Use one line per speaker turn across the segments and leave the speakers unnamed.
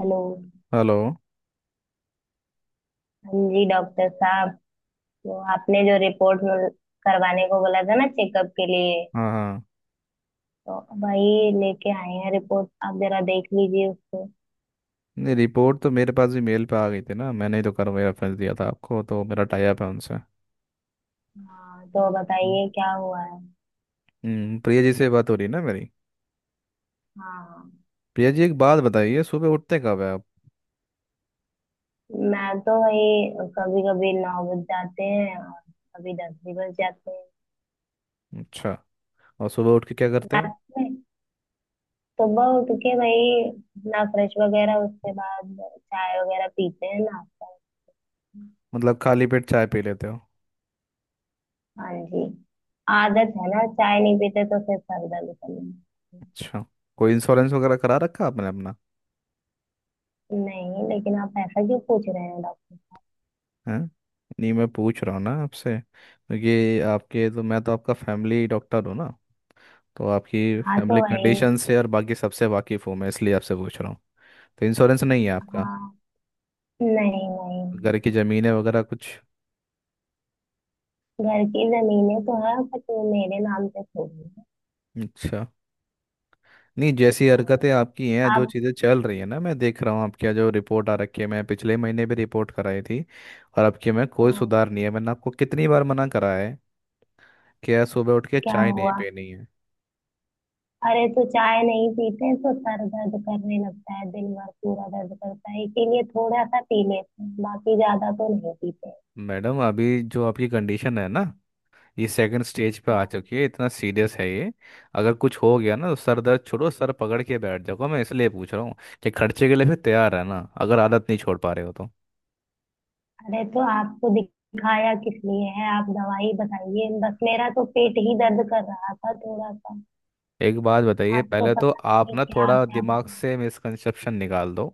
Hello.
Hello.
हाँ जी doctor साहब। तो आपने जो रिपोर्ट में करवाने को बोला था ना चेकअप के लिए,
हाँ हाँ।
तो वही लेके आए हैं। रिपोर्ट आप जरा देख लीजिए उसको।
नहीं, रिपोर्ट तो मेरे पास भी मेल पे आ गई थी ना, मैंने ही तो करवाई, रेफरेंस दिया था आपको, तो मेरा टाई अप है उनसे।
हाँ तो
हम्म।
बताइए क्या हुआ है।
प्रिया जी से बात हो रही है ना मेरी?
हाँ।
प्रिया जी एक बात बताइए, सुबह उठते कब है आप?
मैं तो वही कभी कभी 9 बज जाते हैं और कभी 10 भी बज जाते हैं।
अच्छा। और सुबह उठ के क्या करते हो?
रात में। सुबह उठ के वही अपना फ्रेश वगैरह, उसके बाद चाय वगैरह पीते हैं, नाश्ता।
मतलब खाली पेट चाय पी लेते हो?
हाँ जी। आदत है ना, चाय नहीं पीते तो फिर सर दर्द करने लगता
अच्छा। कोई इंश्योरेंस वगैरह करा रखा आपने अपना?
है। नहीं, लेकिन आप ऐसा क्यों पूछ रहे हैं डॉक्टर।
है? नहीं, मैं पूछ रहा हूँ ना आपसे, क्योंकि आपके तो, मैं तो आपका फैमिली डॉक्टर हूँ ना, तो आपकी
हाँ तो
फैमिली
भाई।
कंडीशन से और बाकी सबसे वाकिफ़ हूँ मैं, इसलिए आपसे पूछ रहा हूँ। तो इंश्योरेंस नहीं है आपका?
हाँ। नहीं
घर
नहीं।
की जमीनें वगैरह कुछ?
घर की जमीनें तो है बट वो मेरे नाम पे थोड़ी है।
अच्छा। नहीं, जैसी
हाँ,
हरकतें आपकी हैं, जो
आप।
चीज़ें चल रही है ना, मैं देख रहा हूँ आपकी जो रिपोर्ट आ रखी है, मैं पिछले महीने भी रिपोर्ट कराई थी और आपके में कोई
हाँ,
सुधार नहीं है। मैंने आपको कितनी बार मना करा है कि यार सुबह उठ के
क्या
चाय नहीं
हुआ।
पीनी है।
अरे तो चाय नहीं पीते तो सर दर्द करने लगता है, दिन भर पूरा दर्द करता है, इसीलिए थोड़ा सा पी लेते हैं, बाकी ज्यादा तो नहीं पीते।
मैडम अभी जो आपकी कंडीशन है ना, ये सेकंड स्टेज पे आ
हाँ।
चुकी है, इतना सीरियस है ये। अगर कुछ हो गया ना, तो सर दर्द छोड़ो, सर पकड़ के बैठ जाओ। मैं इसलिए पूछ रहा हूँ कि खर्चे के लिए फिर तैयार है ना, अगर आदत नहीं छोड़ पा रहे हो तो।
अरे तो आपको दिखाया किस लिए है, आप दवाई बताइए बस, मेरा तो पेट ही दर्द कर रहा था थोड़ा सा।
एक बात बताइए,
आप तो
पहले तो
पता
आप
नहीं
ना
क्या
थोड़ा
आपने आप।
दिमाग से मिसकंसेप्शन निकाल दो।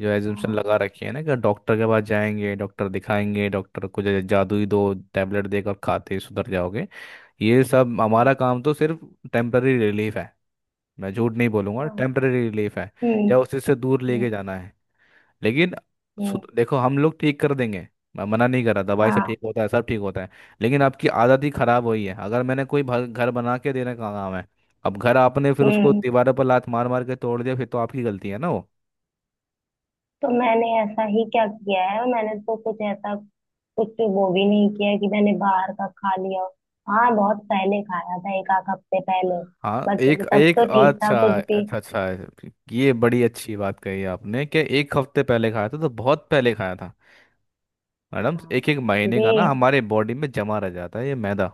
जो एजम्पशन
हाँ,
लगा रखी है ना कि डॉक्टर के पास जाएंगे, डॉक्टर दिखाएंगे, डॉक्टर को जादुई दो टेबलेट देकर खाते ही सुधर जाओगे। ये सब, हमारा काम तो सिर्फ टेम्पररी रिलीफ है। मैं झूठ नहीं बोलूंगा,
हाँ,
टेम्पररी रिलीफ है
हम्म
या उसी से दूर
हम्म
लेके जाना है। लेकिन
हम्म
देखो, हम लोग ठीक कर देंगे। मैं मना नहीं कर रहा, दवाई से
हाँ
ठीक होता है, सब ठीक होता है। लेकिन आपकी आदत ही खराब हुई है। अगर मैंने कोई घर बना के देने का काम है, अब घर आपने फिर उसको
हम्म।
दीवारों पर लात मार मार के तोड़ दिया, फिर तो आपकी गलती है ना वो।
तो मैंने ऐसा ही क्या किया है, मैंने तो कुछ ऐसा कुछ वो भी नहीं किया है कि मैंने बाहर का खा लिया हो। हाँ, बहुत पहले खाया था, एक आध हफ्ते पहले।
हाँ,
बट
एक
तब
एक
तो ठीक था
अच्छा
कुछ भी।
अच्छा अच्छा। ये बड़ी अच्छी बात कही आपने कि एक हफ्ते पहले खाया था तो बहुत पहले खाया था। मैडम,
हाँ
एक एक महीने
जी।
का ना हमारे बॉडी में जमा रह जाता है ये मैदा,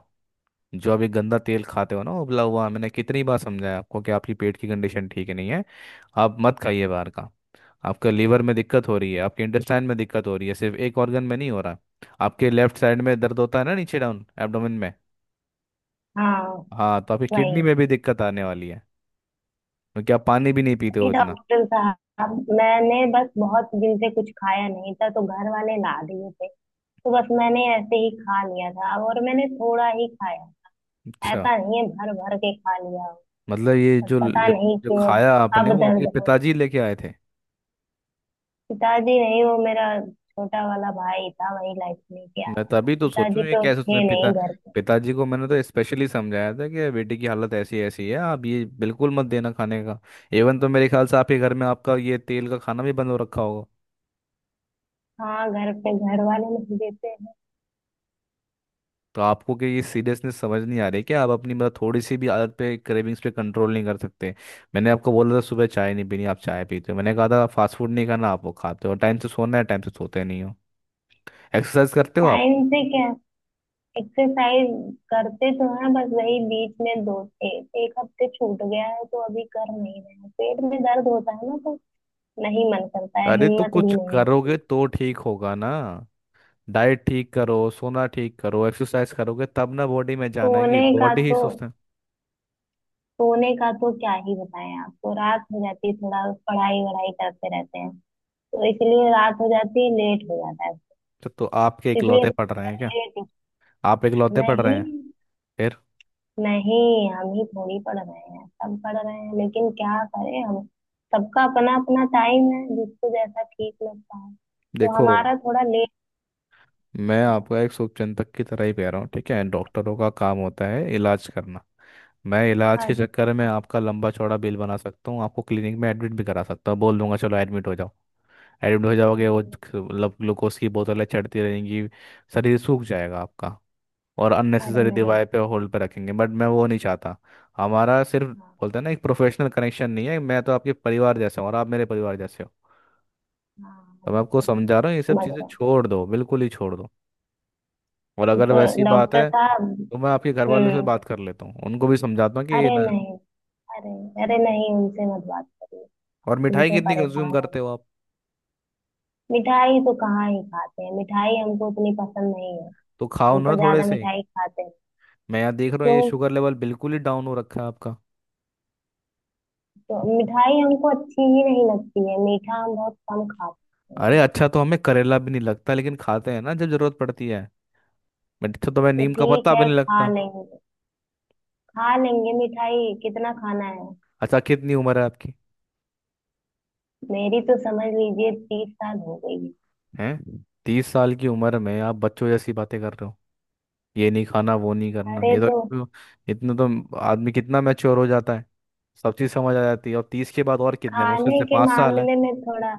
जो आप ये गंदा तेल खाते हो ना उबला हुआ। मैंने कितनी बार समझाया आपको कि आपकी पेट की कंडीशन ठीक नहीं है, आप मत खाइए बाहर का। आपका लीवर में दिक्कत हो रही है, आपके इंटेस्टाइन में दिक्कत हो रही है, सिर्फ एक ऑर्गन में नहीं हो रहा। आपके लेफ्ट साइड में दर्द होता है ना, नीचे डाउन एब्डोमेन में।
हाँ
हाँ, तो आपकी किडनी
वही।
में भी दिक्कत आने वाली है, क्योंकि आप पानी भी नहीं पीते हो
अरे
इतना।
डॉक्टर साहब, मैंने बस बहुत दिन से कुछ खाया नहीं था तो घर वाले ला दिए थे, तो बस मैंने ऐसे ही खा लिया था, और मैंने थोड़ा ही खाया।
अच्छा।
ऐसा नहीं है भर भर के खा लिया हो।
मतलब ये
पर
जो
पता नहीं
जो
क्यों।
खाया आपने
अब
वो आपके
दर्द हो।
पिताजी लेके आए थे?
पिताजी नहीं, वो मेरा छोटा वाला भाई था, वही लाइफ लेके
मैं
आया था,
तभी तो सोचूं,
पिताजी
ये
तो
कैसे उसने
थे नहीं घर पे।
पिताजी को मैंने तो स्पेशली समझाया था कि बेटी की हालत ऐसी ऐसी है, आप ये बिल्कुल मत देना खाने का। इवन तो मेरे ख्याल से आपके घर में आपका ये तेल का खाना भी बंद हो रखा होगा।
हाँ घर पे घर वाले नहीं देते हैं।
तो आपको कि ये सीरियसनेस समझ नहीं आ रही कि आप अपनी मतलब थोड़ी सी भी आदत पे, क्रेविंग्स पे कंट्रोल नहीं कर सकते? मैंने आपको बोला था सुबह चाय नहीं पीनी, आप चाय पीते हो। मैंने कहा था फास्ट फूड नहीं खाना, आप वो खाते हो। टाइम से सोना है, टाइम से सोते नहीं हो। एक्सरसाइज करते हो आप?
टाइम से क्या। एक्सरसाइज करते तो हैं, बस वही बीच में दो एक एक हफ्ते छूट गया है तो अभी कर नहीं रहे हैं, पेट में दर्द होता है ना तो। नहीं मन करता है,
अरे तो
हिम्मत भी
कुछ
नहीं होती।
करोगे तो ठीक होगा ना। डाइट ठीक करो, सोना ठीक करो, एक्सरसाइज करोगे तब ना बॉडी में जान आएगी,
सोने का
बॉडी ही
तो
सुस्त है।
सोने का तो क्या ही बताएं आपको, रात हो जाती है थोड़ा, पढ़ाई वढ़ाई करते रहते हैं, तो इसलिए रात हो जाती है, लेट हो जाता है।
अच्छा, तो आपके
इसलिए
इकलौते पढ़ रहे हैं क्या?
लेट।
आप इकलौते पढ़ रहे
नहीं।
हैं? फिर?
नहीं हम ही थोड़ी पढ़ रहे हैं, सब पढ़ रहे हैं, लेकिन क्या करें हम। सबका अपना अपना टाइम है, जिसको जैसा ठीक लगता है, तो
देखो,
हमारा थोड़ा लेट
मैं
हुआ।
आपका एक शुभचिंतक की तरह ही कह रहा हूँ, ठीक है। डॉक्टरों का काम होता है इलाज करना। मैं इलाज
हाँ,
के चक्कर में
हाँ,
आपका लंबा चौड़ा बिल बना सकता हूँ, आपको क्लिनिक में एडमिट भी करा सकता हूँ, बोल दूंगा चलो एडमिट हो जाओ। एडमिट हो जाओगे, वो मतलब ग्लूकोज की बोतलें चढ़ती रहेंगी, शरीर सूख जाएगा आपका और
अरे
अननेसेसरी
नहीं।
डिवाइस पे होल्ड पे रखेंगे, बट मैं वो नहीं चाहता। हमारा सिर्फ,
हाँ
बोलते हैं ना, एक प्रोफेशनल कनेक्शन नहीं है, मैं तो आपके परिवार जैसे हूँ और आप मेरे परिवार जैसे हो।
हाँ
तो मैं आपको
डॉक्टर साहब।
समझा रहा हूँ, ये सब
समझ
चीज़ें
रहे।
छोड़ दो, बिल्कुल ही छोड़ दो। और
तो
अगर वैसी बात
डॉक्टर
है तो
साहब।
मैं आपके घर वालों से
हम्म।
बात कर लेता हूँ, उनको भी समझाता हूँ कि ये
अरे
ना।
नहीं। अरे। अरे नहीं, उनसे मत बात करिए।
और मिठाई
झूठे
कितनी
परेशान
कंज्यूम
हो गए।
करते हो आप?
मिठाई तो कहाँ ही खाते हैं, मिठाई हमको उतनी पसंद नहीं है।
तो खाओ
हम तो
ना थोड़े
ज्यादा
से।
मिठाई खाते हैं।
मैं यहाँ देख रहा हूँ ये
क्यों।
शुगर लेवल बिल्कुल ही डाउन हो रखा है आपका।
तो मिठाई हमको अच्छी ही नहीं लगती है, मीठा हम बहुत कम खाते
अरे
हैं।
अच्छा, तो हमें करेला भी नहीं लगता, लेकिन खाते हैं ना जब जरूरत पड़ती है। अच्छा, तो मैं
तो
नीम का
ठीक
पत्ता भी
है,
नहीं
खा
लगता।
लेंगे। खा लेंगे, मिठाई कितना खाना है।
अच्छा, कितनी उम्र है आपकी?
मेरी तो समझ लीजिए 30 साल हो गई है।
हैं, 30 साल की उम्र में आप बच्चों जैसी बातें कर रहे हो, ये नहीं खाना वो नहीं करना,
अरे
ये तो।
तो।
इतने तो आदमी कितना मैच्योर हो जाता है, सब चीज़ समझ आ जाती है। और 30 के बाद और कितने, मुश्किल
खाने
से
के
5 साल है।
मामले में थोड़ा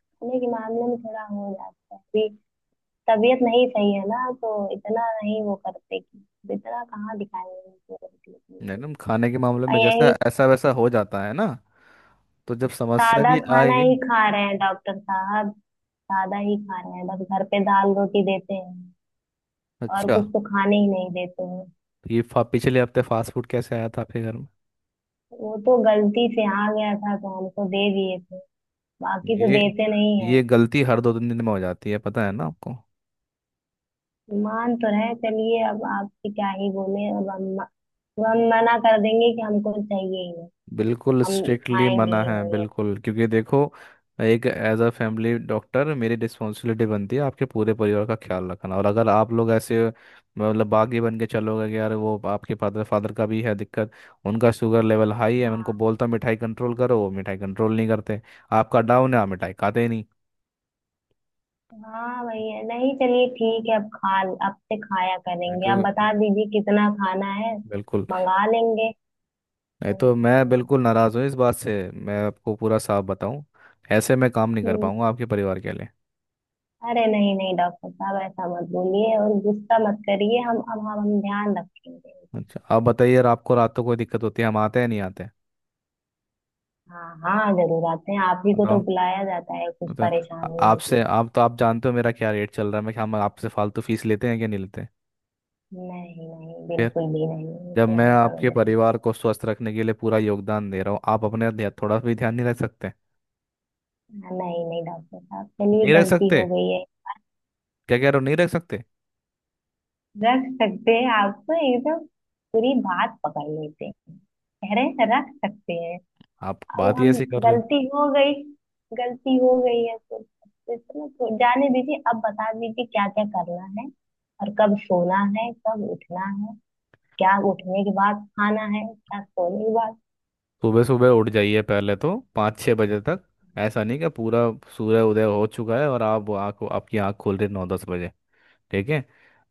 खाने के मामले में थोड़ा हो जाता है अभी, तबीयत नहीं सही है ना, तो इतना नहीं वो करते कि तो इतना कहाँ दिखाएंगे उनको रोटी वोटी।
मैडम, खाने के मामले
और
में
यही
जैसा ऐसा वैसा हो जाता है ना, तो जब समस्या
सादा
भी
खाना
आएगी।
ही खा रहे हैं डॉक्टर साहब, सादा ही खा रहे हैं, बस घर पे दाल रोटी देते हैं, और
अच्छा,
कुछ तो खाने ही नहीं देते हैं।
तो ये पिछले हफ्ते फास्ट फूड कैसे आया था आपके घर में?
वो तो गलती से आ गया था तो हमको दे दिए थे, बाकी तो
ये
देते नहीं है।
ये गलती हर 2 3 दिन में हो जाती है, पता है ना आपको?
मान तो रहे, चलिए अब आपसे क्या ही बोले, अब हम मना कर देंगे कि हमको चाहिए ही नहीं,
बिल्कुल
हम
स्ट्रिक्टली
खाएंगे
मना
ही
है,
नहीं।
बिल्कुल। क्योंकि देखो, एक एज अ फैमिली डॉक्टर मेरी रिस्पॉन्सिबिलिटी बनती है आपके पूरे परिवार का ख्याल रखना। और अगर आप लोग ऐसे मतलब बागी बन के चलोगे कि यार, वो आपके फादर फादर का भी है दिक्कत, उनका शुगर लेवल हाई है, मैं उनको
हाँ।
बोलता हूँ मिठाई कंट्रोल करो, वो मिठाई कंट्रोल नहीं करते। आपका डाउन है, आप मिठाई खाते ही नहीं।
हाँ भैया, नहीं चलिए ठीक है, अब से खाया
मैं
करेंगे, आप
क्यों?
बता दीजिए कितना खाना है,
बिल्कुल।
मंगा लेंगे,
नहीं
वही
तो मैं
खाएंगे।
बिल्कुल नाराज़ हूँ इस बात से, मैं आपको पूरा साफ बताऊँ, ऐसे मैं काम नहीं कर
हम्म।
पाऊंगा आपके परिवार के लिए।
अरे नहीं नहीं डॉक्टर साहब ऐसा मत बोलिए और गुस्सा मत करिए, हम अब हम ध्यान रखेंगे।
अच्छा आप बताइए, अगर आपको रात को कोई दिक्कत होती है, हम आते हैं नहीं आते हैं?
हाँ हाँ जरूर आते हैं, आप ही को तो
बताओ।
बुलाया जाता है कुछ
तो
परेशानी होती
आपसे,
है।
आप तो आप जानते हो मेरा क्या रेट चल रहा है। मैं क्या, हम आपसे फालतू फीस लेते हैं कि नहीं लेते?
नहीं नहीं
फिर?
बिल्कुल भी नहीं, ये
जब
तो
मैं
हम समझ
आपके
रहे हैं।
परिवार को स्वस्थ रखने के लिए पूरा योगदान दे रहा हूँ, आप अपने ध्यान थोड़ा भी ध्यान नहीं रख सकते?
हाँ, नहीं नहीं डॉक्टर साहब, चलिए
नहीं रख
गलती
सकते?
हो गई है।
क्या कह रहे हो नहीं रख सकते?
रख सकते हैं आपको एकदम, पूरी बात पकड़ लेते हैं, कह रहे हैं रख सकते हैं।
आप
अब
बात ही
हम,
ऐसी कर रहे हो।
गलती हो गई गलती हो गई है तो इसमें तो जाने दीजिए, अब बता दीजिए क्या क्या करना है, और कब सोना है, कब उठना है, क्या उठने के बाद खाना है, क्या सोने के बाद।
सुबह सुबह उठ जाइए पहले तो, 5 6 बजे तक। ऐसा नहीं कि पूरा सूर्य उदय हो चुका है और आप आँख, आपकी आँख खोल रही है 9 10 बजे। ठीक है?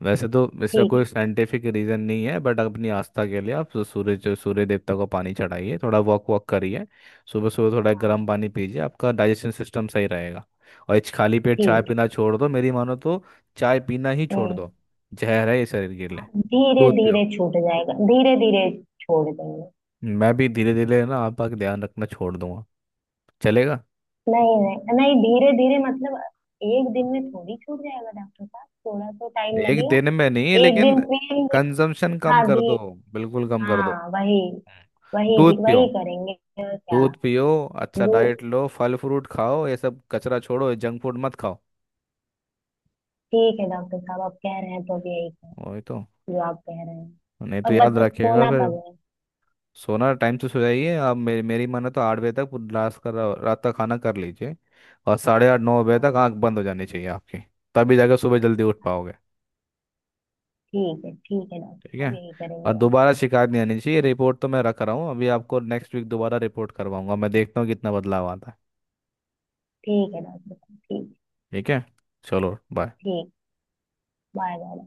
वैसे
अच्छा
तो इसका
ठीक है।
कोई साइंटिफिक रीजन नहीं है, बट अपनी आस्था के लिए आप सूर्य, जो सूर्य देवता को पानी चढ़ाइए, थोड़ा वॉक वॉक करिए। सुबह सुबह थोड़ा
हाँ
गर्म पानी पीजिए, आपका डाइजेशन सिस्टम सही रहेगा। और इस खाली पेट चाय
ठीक
पीना छोड़ दो, मेरी मानो तो चाय पीना ही
है।
छोड़
हम्म।
दो। जहर है ये शरीर के लिए।
धीरे
दूध
धीरे
पियो।
छूट जाएगा धीरे धीरे, छोड़ देंगे।
मैं भी धीरे धीरे ना आपका ध्यान रखना छोड़ दूंगा, चलेगा?
नहीं नहीं नहीं, धीरे धीरे मतलब, एक दिन में थोड़ी छूट जाएगा डॉक्टर साहब, थोड़ा तो टाइम
एक
लगेगा।
दिन में नहीं,
एक
लेकिन
दिन पिएंगे।
कंजम्पशन कम
हाँ
कर
धी
दो, बिल्कुल कम कर दो।
हाँ वही,
दूध पियो,
वही करेंगे। और क्या।
दूध पियो। अच्छा
दू
डाइट लो, फल फ्रूट खाओ, ये सब कचरा छोड़ो, ये जंक फूड मत खाओ।
ठीक है डॉक्टर साहब, आप कह रहे हैं तो अब यही करें,
वही तो।
जो आप कह रहे हैं।
नहीं तो
और
याद
बत
रखिएगा
सोना
फिर।
कब है।
सोना टाइम से सो जाइए आप। मेरी मेरी माने तो 8 बजे तक पूरी लास्ट का रात का खाना कर लीजिए। और 8:30 9 बजे तक
हाँ
आंख बंद हो जानी चाहिए आपकी, तभी जाकर सुबह जल्दी उठ पाओगे।
ठीक है, ठीक है डॉक्टर
ठीक है?
साहब, यही
और
करेंगे हम।
दोबारा शिकायत नहीं
हाँ
आनी चाहिए। रिपोर्ट तो मैं रख रहा हूँ, अभी आपको नेक्स्ट वीक दोबारा रिपोर्ट करवाऊंगा, मैं देखता हूँ कितना बदलाव आता है।
ठीक है डॉक्टर साहब, ठीक।
ठीक है। चलो बाय।
ठीक। Bye bye.